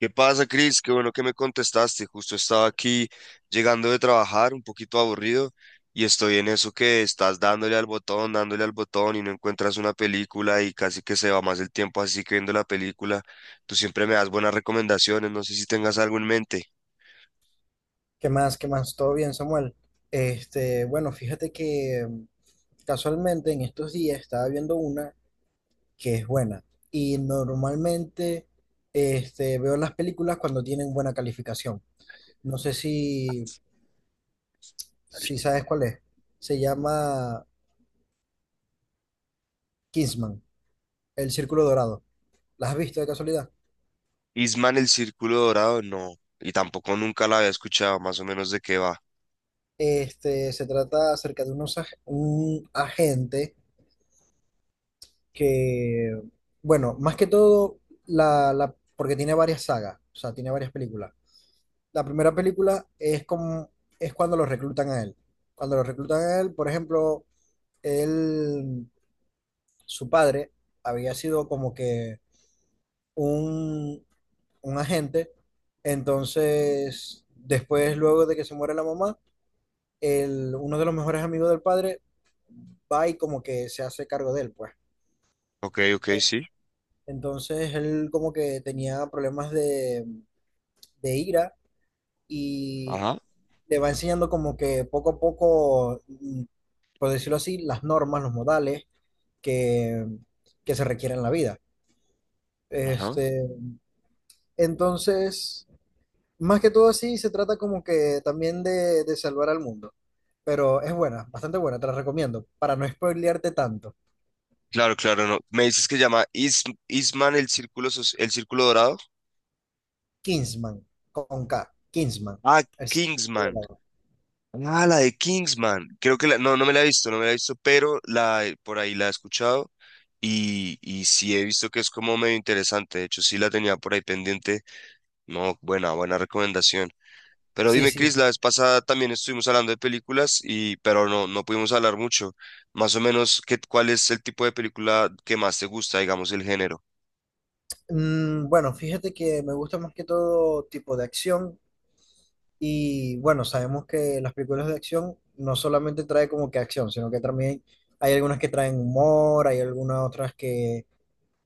¿Qué pasa, Cris? Qué bueno que me contestaste. Justo estaba aquí llegando de trabajar, un poquito aburrido, y estoy en eso que estás dándole al botón y no encuentras una película y casi que se va más el tiempo así que viendo la película. Tú siempre me das buenas recomendaciones, no sé si tengas algo en mente. ¿Qué más? ¿Qué más? ¿Todo bien, Samuel? Bueno, fíjate que casualmente en estos días estaba viendo una que es buena. Y normalmente veo las películas cuando tienen buena calificación. No sé si sabes cuál es. Se llama Kingsman, El Círculo Dorado. ¿La has visto de casualidad? Isman el Círculo Dorado, no. Y tampoco nunca la había escuchado, más o menos de qué va. Se trata acerca de unos, un agente que, bueno, más que todo, porque tiene varias sagas, o sea, tiene varias películas. La primera película es como, es cuando lo reclutan a él. Cuando lo reclutan a él, por ejemplo, él, su padre había sido como que un, un agente, entonces, después, luego de que se muere la mamá, el, uno de los mejores amigos del padre va y como que se hace cargo de él, pues. Ok, ok, Eh, sí. Entonces él como que tenía problemas de ira y Ajá, le va enseñando como que poco a poco, por decirlo así, las normas, los modales que, que se requieren en la vida. ajá. Este, entonces, más que todo así, se trata como que también de salvar al mundo. Pero es buena, bastante buena, te la recomiendo. Para no spoilearte tanto, Claro, claro, no. Me dices que se llama Is Isman el Círculo, Soci- el Círculo Dorado. Kingsman, con K, Kingsman. Ah, Así, Kingsman. Ah, la de Kingsman. Creo que no, no me la he visto, no me la he visto, pero la por ahí la he escuchado y sí he visto que es como medio interesante. De hecho, sí la tenía por ahí pendiente. No, buena, buena recomendación. Pero sí, dime, Chris, sí. la vez pasada también estuvimos hablando de películas y, pero no, no pudimos hablar mucho. Más o menos, ¿cuál es el tipo de película que más te gusta, digamos, el género? Bueno, fíjate que me gusta más que todo tipo de acción. Y bueno, sabemos que las películas de acción no solamente trae como que acción, sino que también hay algunas que traen humor, hay algunas otras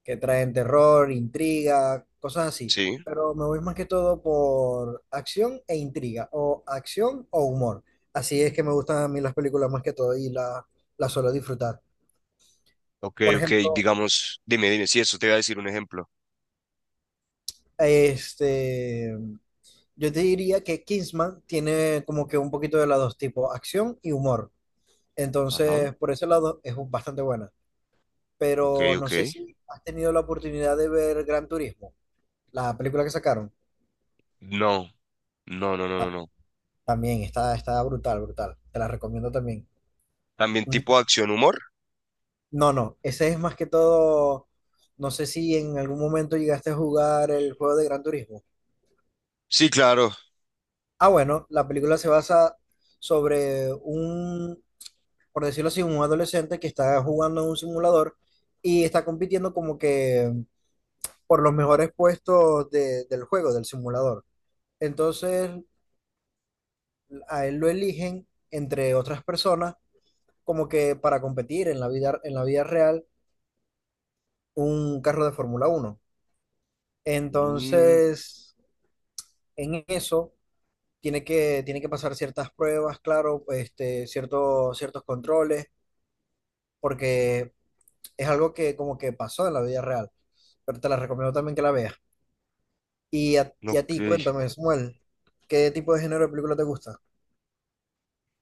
que traen terror, intriga, cosas así. Sí. Pero me voy más que todo por acción e intriga, o acción o humor. Así es que me gustan a mí las películas más que todo y las suelo disfrutar. Ok, Por ok, ejemplo, digamos, dime, dime, sí, eso te iba a decir un ejemplo. este, yo te diría que Kingsman tiene como que un poquito de los dos tipos, acción y humor. Ajá. Entonces, por ese lado es bastante buena. Ok, Pero no ok. sé si has tenido la oportunidad de ver Gran Turismo, la película que sacaron. No, no, no, no, no, Ah, no. también está, está brutal, brutal. Te la recomiendo también. También Ni- tipo acción humor. No, no, ese es más que todo. No sé si en algún momento llegaste a jugar el juego de Gran Turismo. Sí, claro. Ah, bueno, la película se basa sobre un, por decirlo así, un adolescente que está jugando en un simulador y está compitiendo como que por los mejores puestos del juego, del simulador. Entonces, a él lo eligen, entre otras personas, como que para competir en la vida real, un carro de Fórmula 1 Mm, Entonces, en eso, tiene que pasar ciertas pruebas, claro, ciertos controles, porque es algo que como que pasó en la vida real. Pero te la recomiendo también que la veas. Y a ti, ok. cuéntame, Samuel, ¿qué tipo de género de película te gusta?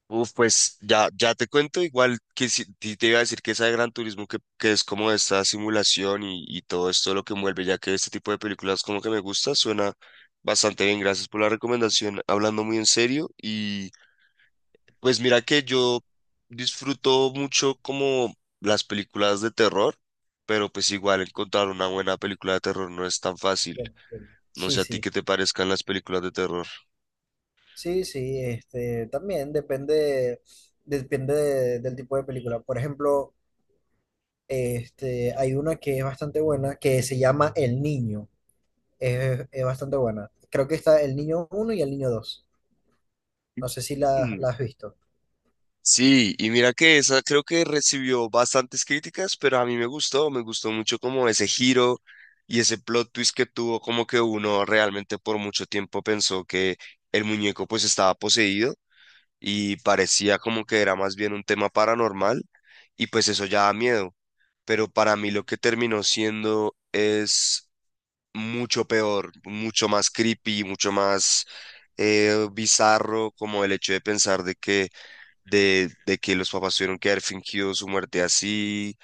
Uf, pues ya, ya te cuento igual que si, ti- te iba a decir que esa de Gran Turismo que es como esta simulación y todo esto lo que envuelve, ya que este tipo de películas como que me gusta, suena bastante bien. Gracias por la recomendación, hablando muy en serio. Y pues mira que yo disfruto mucho como las películas de terror, pero pues igual encontrar una buena película de terror no es tan fácil. Bien, bien. No Sí, sé a ti sí, qué te parezcan las películas de terror. sí, sí, también depende, depende del tipo de película. Por ejemplo, hay una que es bastante buena que se llama El Niño. Es bastante buena. Creo que está El Niño 1 y El Niño 2 No sé si Mm. la has visto. Sí, y mira que esa creo que recibió bastantes críticas, pero a mí me gustó mucho como ese giro y ese plot twist que tuvo, como que uno realmente por mucho tiempo pensó que el muñeco pues estaba poseído. Y parecía como que era más bien un tema paranormal y pues eso ya da miedo. Pero para mí lo que terminó siendo es mucho peor, mucho más creepy, mucho más bizarro, como el hecho de pensar de que los papás tuvieron que haber fingido su muerte así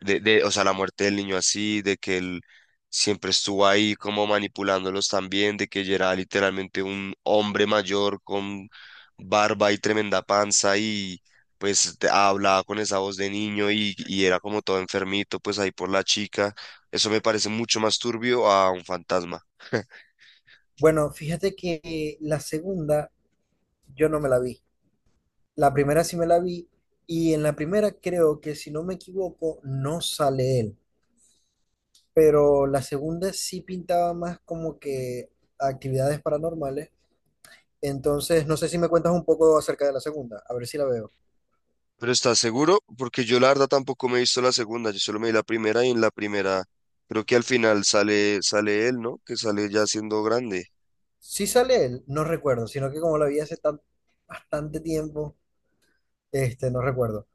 o sea, la muerte del niño así, de que él siempre estuvo ahí como manipulándolos también, de que ella era literalmente un hombre mayor con barba y tremenda panza y hablaba con esa voz de niño y era como todo enfermito, pues ahí por la chica. Eso me parece mucho más turbio a un fantasma. Bueno, fíjate que la segunda yo no me la vi. La primera sí me la vi y en la primera creo que si no me equivoco no sale él. Pero la segunda sí pintaba más como que actividades paranormales. Entonces, no sé si me cuentas un poco acerca de la segunda, a ver si la veo. Pero ¿estás seguro? Porque yo la verdad tampoco me he visto la segunda, yo solo me vi la primera y en la primera creo que al final sale, él, ¿no? Que sale ya siendo grande. Si sale él, no recuerdo, sino que como la vi hace tan, bastante tiempo, no recuerdo.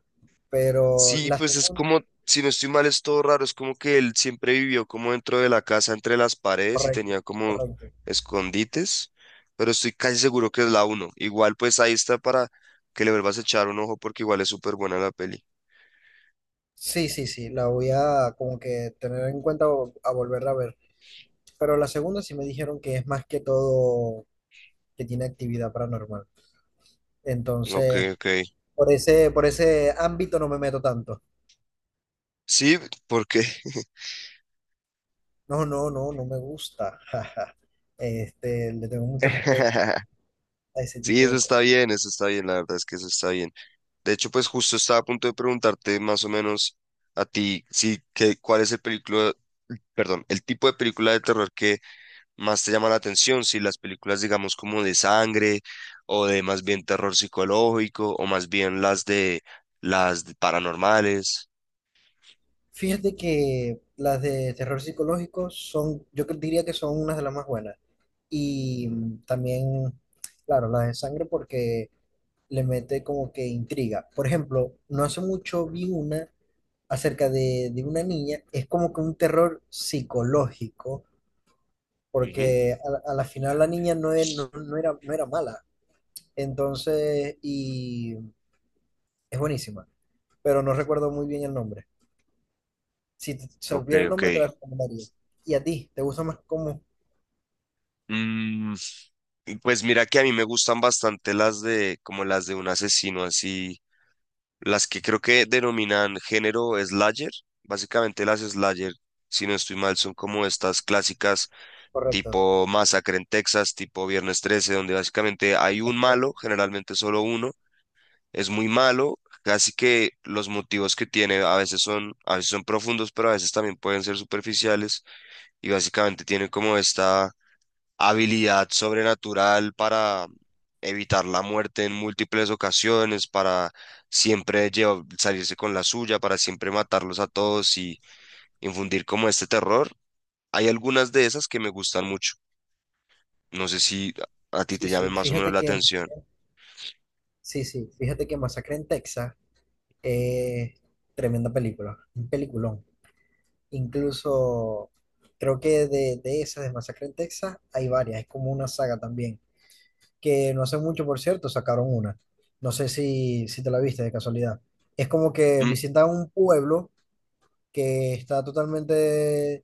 Pero Sí, la pues es segunda, como, si no estoy mal, es todo raro, es como que él siempre vivió como dentro de la casa, entre las paredes y correcto, tenía como correcto. escondites, pero estoy casi seguro que es la uno. Igual pues ahí está para que le vuelvas a echar un ojo porque igual es súper buena la peli. Sí, sí, sí, la voy a como que tener en cuenta a volverla a ver. Pero la segunda sí me dijeron que es más que todo que tiene actividad paranormal. Ok, Entonces, ok. Por ese ámbito no me meto tanto. Sí, porque... No, no, no, no me gusta. Jaja. Le tengo mucho respeto a ese Sí, tipo de cosas. Eso está bien, la verdad es que eso está bien. De hecho, pues justo estaba a punto de preguntarte más o menos a ti, sí, que, cuál es el película, perdón, el tipo de película de terror que más te llama la atención, si las películas, digamos, como de sangre o de más bien terror psicológico o más bien las de paranormales. Fíjate que las de terror psicológico son, diría que son unas de las más buenas. Y también, claro, las de sangre porque le mete como que intriga. Por ejemplo, no hace mucho vi una acerca de una niña, es como que un terror psicológico, Ujú. porque a la final la niña no, es, no era, no era mala. Entonces, y es buenísima, pero no recuerdo muy bien el nombre. Si te Ok, supiera el ok. nombre, te la recomendaría. ¿Y a ti? ¿Te gusta más cómo Mm, y pues mira que a mí me gustan bastante las de como las de un asesino así, las que creo que denominan género slasher. Básicamente las slasher, si no estoy mal, son como estas clásicas correcto? tipo Masacre en Texas, tipo Viernes 13, donde básicamente hay un malo, generalmente solo uno es muy malo, casi que los motivos que tiene a veces son profundos, pero a veces también pueden ser superficiales y básicamente tiene como esta habilidad sobrenatural para evitar la muerte en múltiples ocasiones, para siempre llevar- salirse con la suya, para siempre matarlos a todos y infundir como este terror. Hay algunas de esas que me gustan mucho. No sé si a ti Sí, te llamen sí. más o menos Fíjate la atención. sí, sí. Fíjate que Masacre en Texas es tremenda película, un peliculón. Incluso creo que de esas de Masacre en Texas hay varias, es como una saga también. Que no hace mucho, por cierto, sacaron una. No sé si te la viste de casualidad. Es como que visitan un pueblo que está totalmente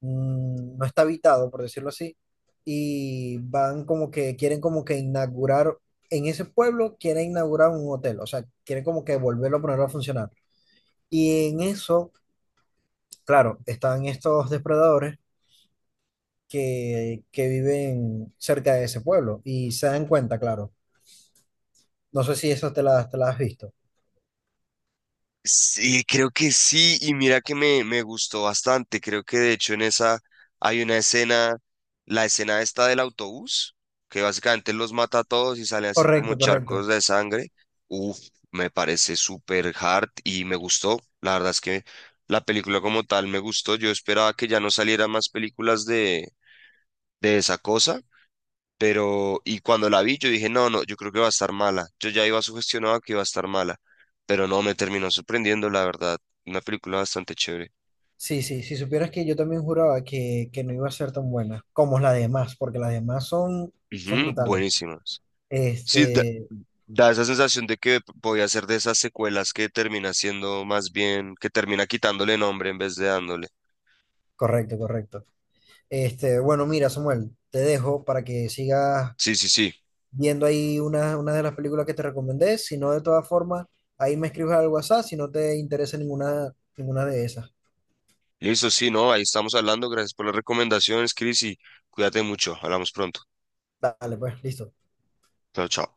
no está habitado, por decirlo así, y van como que, quieren como que inaugurar, en ese pueblo quieren inaugurar un hotel, o sea, quieren como que volverlo a ponerlo a funcionar. Y en eso, claro, están estos depredadores que viven cerca de ese pueblo y se dan cuenta, claro. No sé si eso te la has visto. Sí, creo que sí, y mira que me gustó bastante. Creo que de hecho en esa hay una escena, la escena esta del autobús, que básicamente los mata a todos y sale así como Correcto, charcos correcto. de sangre. Uf, me parece súper hard y me gustó. La verdad es que la película como tal me gustó. Yo esperaba que ya no salieran más películas de esa cosa. Pero, y cuando la vi, yo dije, no, no, yo creo que va a estar mala. Yo ya iba sugestionado que iba a estar mala, pero no, me terminó sorprendiendo, la verdad. Una película bastante chévere. Sí, sí, si supieras que yo también juraba que no iba a ser tan buena como las demás, porque las demás son, son Ujú, brutales. buenísimas. Sí, da, Este, da esa sensación de que podía ser de esas secuelas que termina siendo más bien, que termina quitándole nombre en vez de dándole. Correcto, correcto. Bueno, mira, Samuel, te dejo para que sigas Sí, sí, sí. viendo ahí una de las películas que te recomendé. Si no, de todas formas, ahí me escribes al WhatsApp si no te interesa ninguna, ninguna de esas. Listo, sí, no, ahí estamos hablando. Gracias por las recomendaciones, Chris, y cuídate mucho. Hablamos pronto. Dale, pues, listo. Chao, chao.